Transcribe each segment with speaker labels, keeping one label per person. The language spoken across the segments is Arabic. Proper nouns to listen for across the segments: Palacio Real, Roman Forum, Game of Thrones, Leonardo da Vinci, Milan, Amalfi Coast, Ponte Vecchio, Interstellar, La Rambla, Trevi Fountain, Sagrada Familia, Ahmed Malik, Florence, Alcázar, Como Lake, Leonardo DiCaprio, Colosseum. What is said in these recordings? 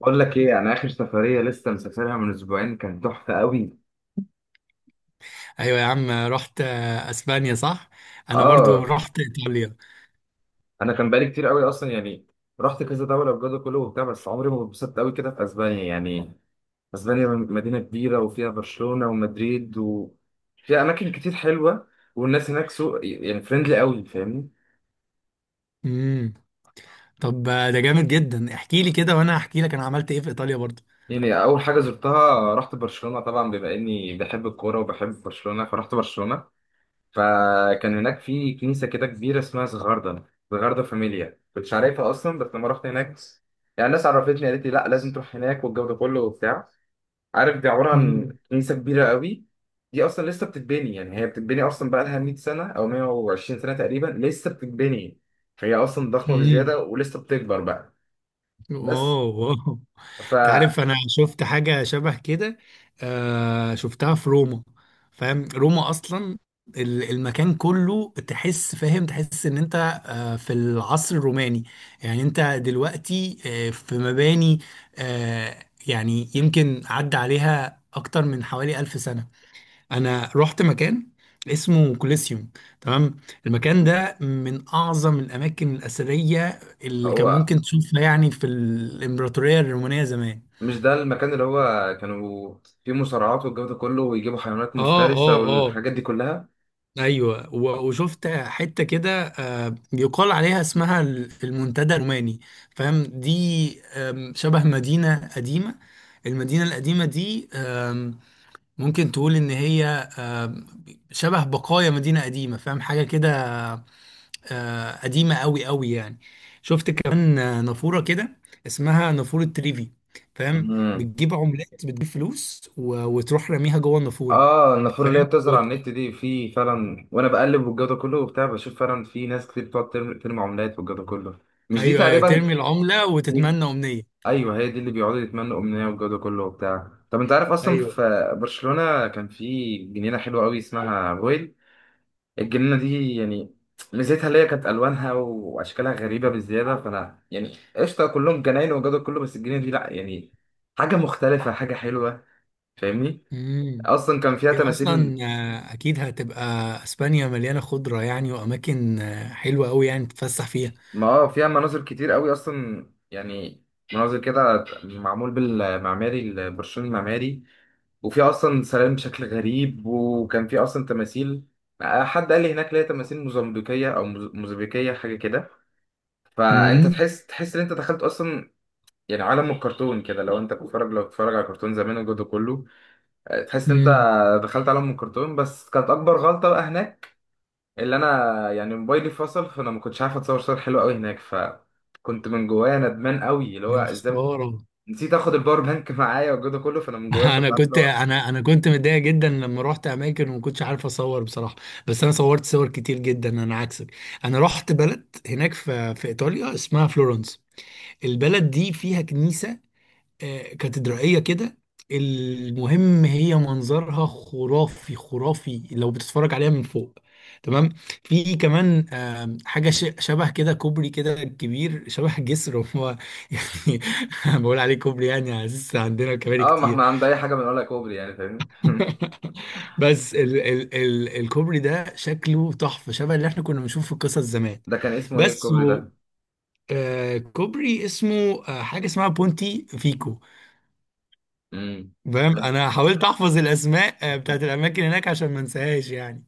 Speaker 1: بقول لك ايه، انا اخر سفريه لسه مسافرها من اسبوعين كانت تحفه قوي.
Speaker 2: ايوه يا عم، رحت اسبانيا صح. انا برضو
Speaker 1: اه،
Speaker 2: رحت ايطاليا.
Speaker 1: انا كان بقالي كتير قوي اصلا يعني، رحت كذا دوله بجد كله وبتاع، بس عمري ما اتبسطت قوي كده في اسبانيا يعني. اسبانيا مدينه كبيره وفيها برشلونه ومدريد وفيها اماكن كتير حلوه، والناس هناك سوق يعني فريندلي قوي، فاهمني.
Speaker 2: امم. طب ده جامد جدا، احكي لي كده وانا هحكي لك انا عملت ايه في ايطاليا برضو.
Speaker 1: يعني اول حاجه زرتها رحت برشلونه، طبعا بما اني بحب الكوره وبحب برشلونه فرحت برشلونه. فكان هناك في كنيسة كده كبيرة اسمها زغاردة، زغاردة فاميليا، كنتش عارفها أصلا بس لما رحت هناك يعني الناس عرفتني، قالت لي لا لازم تروح هناك والجو ده كله وبتاع. عارف دي عبارة عن
Speaker 2: امم.
Speaker 1: كنيسة كبيرة قوي، دي أصلا لسه بتتبني، يعني هي بتتبني أصلا، بقى لها 100 سنة أو 120 سنة تقريبا لسه بتتبني. فهي أصلا ضخمة بزيادة
Speaker 2: امم.
Speaker 1: ولسه بتكبر بقى. بس
Speaker 2: اوه، أوه. انت عارف انا شفت حاجه شبه كده. آه، شفتها في روما، فاهم؟ روما اصلا المكان كله تحس، فاهم؟ تحس ان انت آه في العصر الروماني، يعني انت دلوقتي آه في مباني آه، يعني يمكن عدى عليها اكتر من حوالي ألف سنه. انا رحت مكان اسمه كوليسيوم، تمام؟ المكان ده من اعظم الاماكن الاثريه اللي
Speaker 1: فهو
Speaker 2: كان ممكن تشوفها يعني في الامبراطوريه الرومانيه زمان.
Speaker 1: مش ده المكان اللي هو كانوا فيه مصارعات والجو ده كله، ويجيبوا حيوانات
Speaker 2: اه
Speaker 1: مفترسة
Speaker 2: اه اه،
Speaker 1: والحاجات دي كلها؟
Speaker 2: ايوه. وشفت حته كده يقال عليها اسمها المنتدى الروماني، فاهم دي؟ آم، شبه مدينه قديمه، المدينه القديمه دي ممكن تقول ان هي آم، شبه بقايا مدينه قديمه، فاهم حاجه كده؟ قديمه قوي قوي يعني. شفت كمان نافوره كده، اسمها نافوره تريفي، فاهم؟
Speaker 1: مم.
Speaker 2: بتجيب عملات، بتجيب فلوس وتروح راميها جوه النافوره،
Speaker 1: اه، النافوره اللي هي
Speaker 2: فاهم.
Speaker 1: بتظهر على النت دي في فعلا، وانا بقلب والجو ده كله وبتاع بشوف فعلا في ناس كتير بتقعد ترمي عملات والجو ده كله. مش دي
Speaker 2: ايوه ايوه،
Speaker 1: تقريبا؟
Speaker 2: ترمي العملة
Speaker 1: و...
Speaker 2: وتتمنى امنية.
Speaker 1: ايوه هي دي اللي بيقعدوا يتمنوا امنيه والجو ده كله وبتاع. طب انت عارف اصلا،
Speaker 2: ايوه.
Speaker 1: في برشلونه كان في جنينه حلوه قوي اسمها رويل، الجنينه دي يعني ميزتها اللي هي كانت الوانها واشكالها غريبه بالزياده. فانا يعني قشطه كلهم جناين والجو ده كله، بس الجنينه دي لا، يعني حاجه مختلفه، حاجه حلوه، فاهمني.
Speaker 2: امم.
Speaker 1: اصلا كان فيها
Speaker 2: هي اصلا
Speaker 1: تماثيل.
Speaker 2: اكيد هتبقى، اسبانيا مليانة خضرة يعني، واماكن حلوة قوي يعني تتفسح فيها.
Speaker 1: ما اه فيها مناظر كتير قوي اصلا يعني، مناظر كده معمول بالمعماري البرشلوني المعماري، وفيها اصلا سلام بشكل غريب، وكان فيه اصلا تماثيل. حد قال لي هناك ليه تماثيل موزمبيقيه او موزمبيقيه حاجه كده. فانت
Speaker 2: امم.
Speaker 1: تحس ان انت دخلت اصلا يعني عالم الكرتون كده، لو انت بتتفرج، لو بتتفرج على كرتون زمان وجوده كله. تحس ان انت
Speaker 2: امم.
Speaker 1: دخلت عالم الكرتون. بس كانت اكبر غلطه بقى هناك اللي انا يعني موبايلي فصل، فانا ما كنتش عارف اتصور صور حلوه قوي هناك، فكنت من جوايا ندمان قوي، اللي هو
Speaker 2: يا
Speaker 1: ازاي
Speaker 2: خسارة.
Speaker 1: نسيت اخد الباور بانك معايا وجوده كله. فانا من جوايا
Speaker 2: انا
Speaker 1: كنت عارف اللي
Speaker 2: كنت،
Speaker 1: هو،
Speaker 2: انا كنت متضايق جدا لما رحت اماكن وما كنتش عارف اصور بصراحة، بس انا صورت صور كتير جدا، انا عكسك. انا رحت بلد هناك في ايطاليا اسمها فلورنس، البلد دي فيها كنيسة كاتدرائية كده. المهم هي منظرها خرافي خرافي لو بتتفرج عليها من فوق، تمام؟ في كمان آم، حاجة شبه كده، كوبري كده كبير، شبه جسر هو يعني. بقول عليه كوبري يعني على أساس عندنا كباري
Speaker 1: اه ما
Speaker 2: كتير.
Speaker 1: احنا عند اي حاجه بنقولها كوبري يعني، فاهمني
Speaker 2: بس ال الكوبري ده شكله تحفة، شبه اللي احنا كنا بنشوفه في القصص زمان.
Speaker 1: ده كان اسمه ايه
Speaker 2: بس
Speaker 1: الكوبري
Speaker 2: هو
Speaker 1: ده؟
Speaker 2: كوبري اسمه حاجة اسمها بونتي فيكو.
Speaker 1: امم،
Speaker 2: فاهم؟
Speaker 1: لا.
Speaker 2: انا حاولت احفظ الاسماء بتاعت الاماكن هناك عشان ما انساهاش يعني.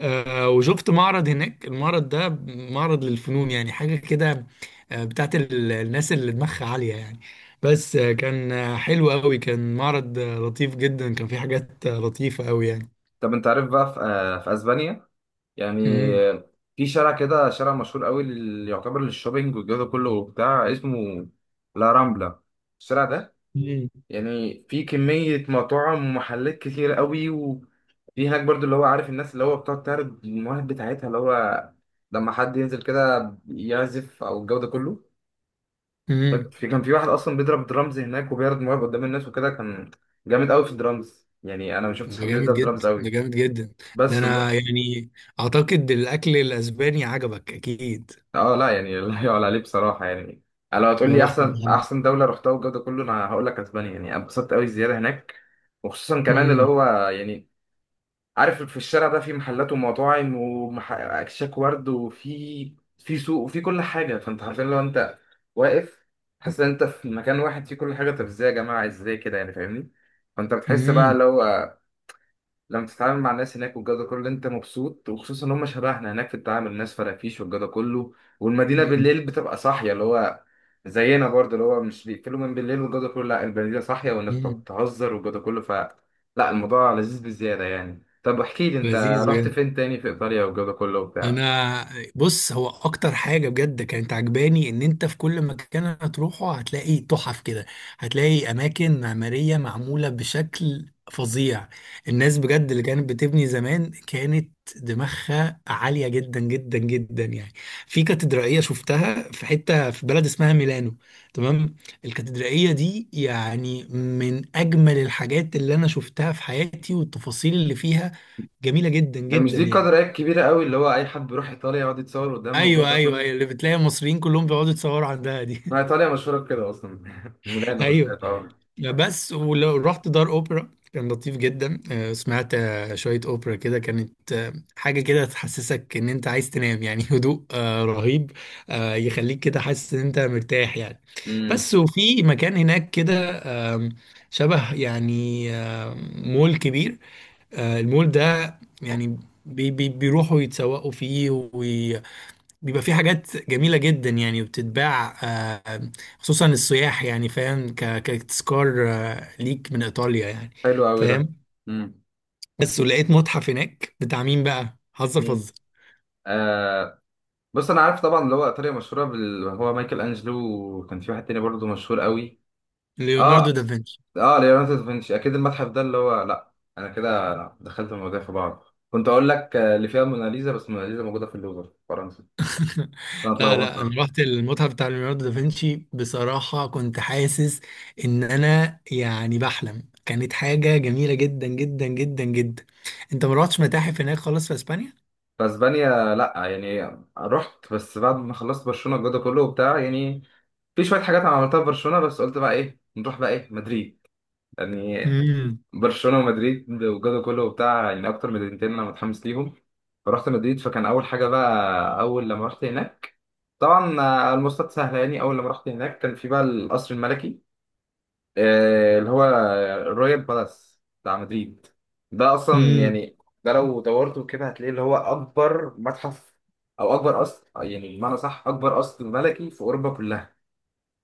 Speaker 2: وشفت معرض هناك، المعرض ده معرض للفنون يعني، حاجه كده بتاعت الناس اللي دماغها عاليه يعني. بس كان حلو قوي، كان معرض لطيف جدا، كان فيه حاجات لطيفه قوي يعني.
Speaker 1: طب انت عارف بقى، في, في اسبانيا يعني،
Speaker 2: امم.
Speaker 1: في شارع كده، شارع مشهور قوي اللي يعتبر للشوبينج والجو ده كله وبتاع، اسمه لا رامبلا. الشارع ده
Speaker 2: امم.
Speaker 1: يعني في كمية مطاعم ومحلات كتير قوي، وفي هناك برضو اللي هو، عارف الناس اللي هو بتقعد تعرض المواهب بتاعتها، اللي هو لما حد ينزل كده يعزف أو الجو ده كله.
Speaker 2: أمم.
Speaker 1: في كان في واحد أصلا بيضرب درامز هناك وبيعرض مواهب قدام الناس، وكده كان جامد قوي في الدرامز يعني. أنا ما شفتش
Speaker 2: ده
Speaker 1: حد
Speaker 2: جامد
Speaker 1: بيضرب درامز
Speaker 2: جدا، ده
Speaker 1: قوي.
Speaker 2: جامد جدا. ده
Speaker 1: بس
Speaker 2: انا يعني اعتقد الاكل الاسباني عجبك اكيد.
Speaker 1: اه لا، يعني لا يعلى عليه بصراحة يعني. لو هتقول
Speaker 2: يا
Speaker 1: لي
Speaker 2: بختك
Speaker 1: أحسن
Speaker 2: يا عم.
Speaker 1: أحسن دولة رحتها والجو ده كله، أنا هقول لك أسبانيا، يعني أنا اتبسطت قوي الزيارة هناك. وخصوصا كمان اللي
Speaker 2: امم.
Speaker 1: هو، يعني عارف، في الشارع ده في محلات ومطاعم واكشاك ورد، وفي في سوق وفي كل حاجه. فانت حرفيا لو انت واقف، حاسس ان انت في مكان واحد فيه كل حاجه. طب ازاي يا جماعه، ازاي كده يعني؟ فاهمني. فانت بتحس بقى
Speaker 2: امم.
Speaker 1: لو، لما تتعامل مع الناس هناك والجو ده كله انت مبسوط. وخصوصا ان هم شبهنا هناك في التعامل، الناس فرافيش والجو ده كله. والمدينه بالليل بتبقى صاحيه، اللي هو زينا برضه، اللي هو مش بيقفلوا من بالليل والجو ده كله، لا المدينه صاحيه والناس
Speaker 2: أمم.
Speaker 1: بتهزر والجو ده كله. ف لا، الموضوع لذيذ بزياده يعني. طب احكي لي انت،
Speaker 2: لذيذ
Speaker 1: رحت
Speaker 2: بجد.
Speaker 1: فين تاني في ايطاليا والجو ده كله وبتاع؟
Speaker 2: انا بص، هو اكتر حاجه بجد كانت عجباني ان انت في كل مكان هتروحه هتلاقي تحف كده، هتلاقي اماكن معماريه معموله بشكل فظيع. الناس بجد اللي كانت بتبني زمان كانت دماغها عاليه جدا جدا جدا يعني. في كاتدرائيه شفتها في حته في بلد اسمها ميلانو، تمام؟ الكاتدرائيه دي يعني من اجمل الحاجات اللي انا شفتها في حياتي، والتفاصيل اللي فيها جميله جدا
Speaker 1: هي مش
Speaker 2: جدا
Speaker 1: دي
Speaker 2: يعني.
Speaker 1: قدر ايه، كبيره قوي اللي هو اي حد بيروح ايطاليا يقعد يتصور قدامها والجو
Speaker 2: ايوه
Speaker 1: ده
Speaker 2: ايوه
Speaker 1: كله.
Speaker 2: ايوه، اللي بتلاقي المصريين كلهم بيقعدوا يتصوروا عندها
Speaker 1: ما
Speaker 2: دي.
Speaker 1: ايطاليا مشهوره بكده اصلا ميلانو
Speaker 2: ايوه.
Speaker 1: بالذات اه.
Speaker 2: بس ولو رحت دار اوبرا كان لطيف جدا. سمعت شويه اوبرا كده، كانت حاجه كده تحسسك ان انت عايز تنام يعني. هدوء رهيب، يخليك كده حاسس ان انت مرتاح يعني.
Speaker 1: امم،
Speaker 2: بس. وفي مكان هناك كده آم، شبه يعني آم، مول كبير، المول ده يعني بي بيروحوا يتسوقوا فيه، بيبقى في حاجات جميلة جدا يعني وبتتباع خصوصا السياح يعني، فاهم؟ كتذكار ليك من إيطاليا يعني،
Speaker 1: حلو قوي ده.
Speaker 2: فاهم؟
Speaker 1: امم،
Speaker 2: بس. ولقيت متحف هناك بتاع مين بقى؟ هزر
Speaker 1: مين؟
Speaker 2: فزر.
Speaker 1: آه، بص انا عارف طبعا اللي هو ايطاليا مشهوره هو مايكل انجلو، وكان في واحد تاني برضه مشهور قوي. اه،
Speaker 2: ليوناردو دافنشي.
Speaker 1: اه ليوناردو دافنشي اكيد. المتحف ده اللي هو لا، انا كده دخلت المواضيع في بعض. كنت اقول لك اللي فيها الموناليزا، بس الموناليزا موجوده في اللوفر في فرنسا، فانا
Speaker 2: لا لا،
Speaker 1: اتلخبطت.
Speaker 2: انا رحت المتحف بتاع ليوناردو دافنشي، بصراحة كنت حاسس ان انا يعني بحلم، كانت حاجة جميلة جدا جدا جدا جدا. انت ما رحتش متاحف هناك خالص في اسبانيا؟
Speaker 1: في اسبانيا لا يعني، رحت بس بعد ما خلصت برشلونه الجو ده كله وبتاع يعني. في شويه حاجات انا عملتها في برشلونه، بس قلت بقى ايه، نروح بقى ايه مدريد يعني.
Speaker 2: امم.
Speaker 1: برشلونه ومدريد والجو كله وبتاع يعني اكتر مدينتين انا متحمس ليهم. فرحت مدريد، فكان اول حاجه بقى، اول لما رحت هناك طبعا المواصلات سهله يعني. اول لما رحت هناك كان في بقى القصر الملكي، اللي هو الرويال بالاس بتاع مدريد. ده اصلا يعني، ده لو دورته كده هتلاقيه اللي هو اكبر متحف، او اكبر قصر، يعني بمعنى صح اكبر قصر ملكي في اوروبا كلها.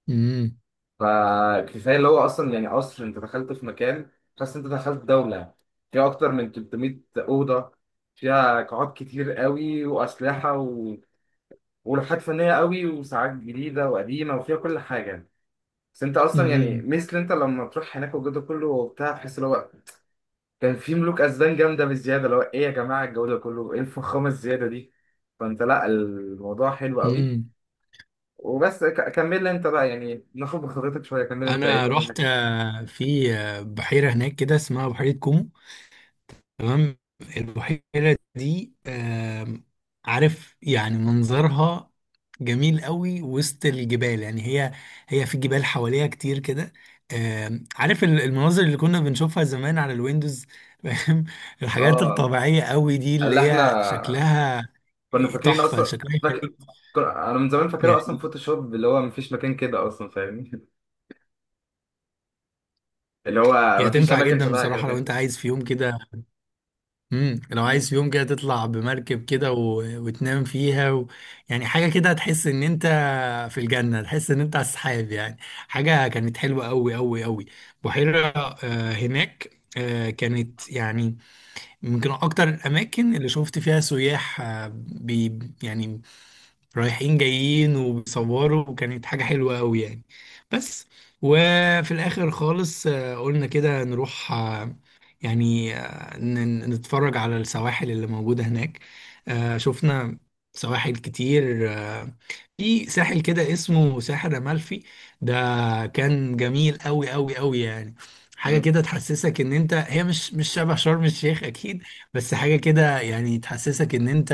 Speaker 2: امم.
Speaker 1: فكفايه اللي هو اصلا يعني قصر، انت دخلت في مكان حاسس انت دخلت دوله، فيها اكتر من 300 اوضه، فيها قاعات كتير قوي واسلحه ولوحات فنيه قوي وساعات جديده وقديمه وفيها كل حاجه. بس انت اصلا يعني
Speaker 2: امم.
Speaker 1: مثل، انت لما تروح هناك والجو ده كله وبتاع تحس اللي هو كان في ملوك اسبان جامده بالزياده. اللي هو ايه يا جماعه الجو ده كله، ايه الفخامه الزياده دي؟ فانت لا الموضوع حلو قوي.
Speaker 2: امم.
Speaker 1: وبس كمل لي انت بقى، يعني ناخد بخبرتك شويه. كمل انت ايه
Speaker 2: انا
Speaker 1: بقى.
Speaker 2: رحت في بحيره هناك كده اسمها بحيره كومو، تمام؟ البحيره دي آم، عارف يعني منظرها جميل قوي وسط الجبال يعني. هي، هي في جبال حواليها كتير كده. آم، عارف المناظر اللي كنا بنشوفها زمان على الويندوز، فاهم؟ الحاجات
Speaker 1: اه
Speaker 2: الطبيعيه قوي دي اللي
Speaker 1: اللي
Speaker 2: هي
Speaker 1: احنا
Speaker 2: شكلها
Speaker 1: كنا فاكرين
Speaker 2: تحفه،
Speaker 1: اصلا،
Speaker 2: شكلها
Speaker 1: فاكر انا من زمان فاكرها اصلا
Speaker 2: يعني
Speaker 1: فوتوشوب، اللي هو مفيش مكان كده اصلا، فاهمني اللي هو
Speaker 2: هي
Speaker 1: مفيش
Speaker 2: تنفع
Speaker 1: اماكن
Speaker 2: جدا
Speaker 1: شبهها كده،
Speaker 2: بصراحه لو انت
Speaker 1: فاهمني.
Speaker 2: عايز في يوم كده. امم. لو
Speaker 1: مم.
Speaker 2: عايز في يوم كده تطلع بمركب كده وتنام فيها يعني، حاجه كده هتحس ان انت في الجنه، تحس ان انت على السحاب يعني. حاجه كانت حلوه قوي قوي قوي. بحيره آه هناك آه، كانت يعني يمكن اكتر الاماكن اللي شفت فيها سياح يعني رايحين جايين وبيصوروا، وكانت حاجه حلوه قوي يعني. بس. وفي الاخر خالص آه قلنا كده نروح آه يعني نتفرج على السواحل اللي موجودة هناك. شفنا سواحل كتير آه، في ساحل كده اسمه ساحل أمالفي. ده كان جميل قوي قوي قوي يعني، حاجة
Speaker 1: مم.
Speaker 2: كده تحسسك ان انت، هي مش شبه شرم الشيخ اكيد. بس حاجة كده يعني تحسسك ان انت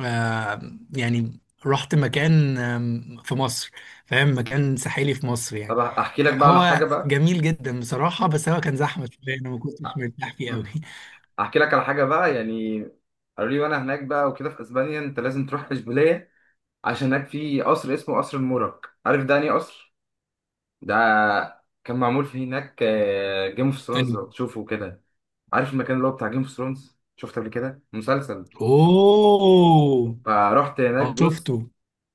Speaker 2: يعني رحت مكان آم، في مصر، فاهم؟ مكان ساحلي في مصر يعني.
Speaker 1: طب احكي لك بقى على حاجه
Speaker 2: هو
Speaker 1: بقى.
Speaker 2: جميل جدا بصراحة، بس هو كان زحمة شوية، أنا ما كنتش مرتاح فيه قوي.
Speaker 1: مم. احكي لك على حاجه بقى يعني، قالوا لي وانا هناك بقى وكده في اسبانيا، انت لازم تروح اشبيليه، عشان هناك في قصر اسمه قصر المورك. عارف ده انهي قصر؟ ده كان معمول فيه هناك جيم اوف ثرونز
Speaker 2: أنا.
Speaker 1: لو تشوفه كده. عارف المكان اللي هو بتاع جيم اوف ثرونز، شفته قبل كده مسلسل؟
Speaker 2: أوه.
Speaker 1: فرحت هناك. بص،
Speaker 2: شفته.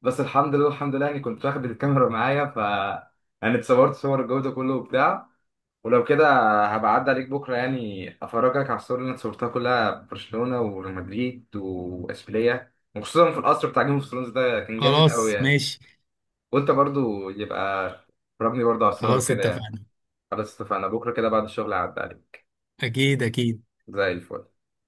Speaker 1: بس الحمد لله الحمد لله يعني كنت واخد الكاميرا معايا، ف يعني اتصورت صور الجودة كله وبتاع. ولو كده هبعد عليك بكرة، يعني أفرجك على الصور اللي أنا صورتها كلها في برشلونة ومدريد وإشبيلية، وخصوصا في القصر بتاع جيم اوف ثرونز ده، كان جامد قوي
Speaker 2: خلاص
Speaker 1: يعني.
Speaker 2: ماشي.
Speaker 1: وأنت برضو يبقى ربني برضو على الصور
Speaker 2: خلاص
Speaker 1: وكده يعني.
Speaker 2: اتفقنا.
Speaker 1: خلاص اتفقنا، بكرة كده بعد الشغل هعدي عليك،
Speaker 2: أكيد أكيد.
Speaker 1: زي الفل.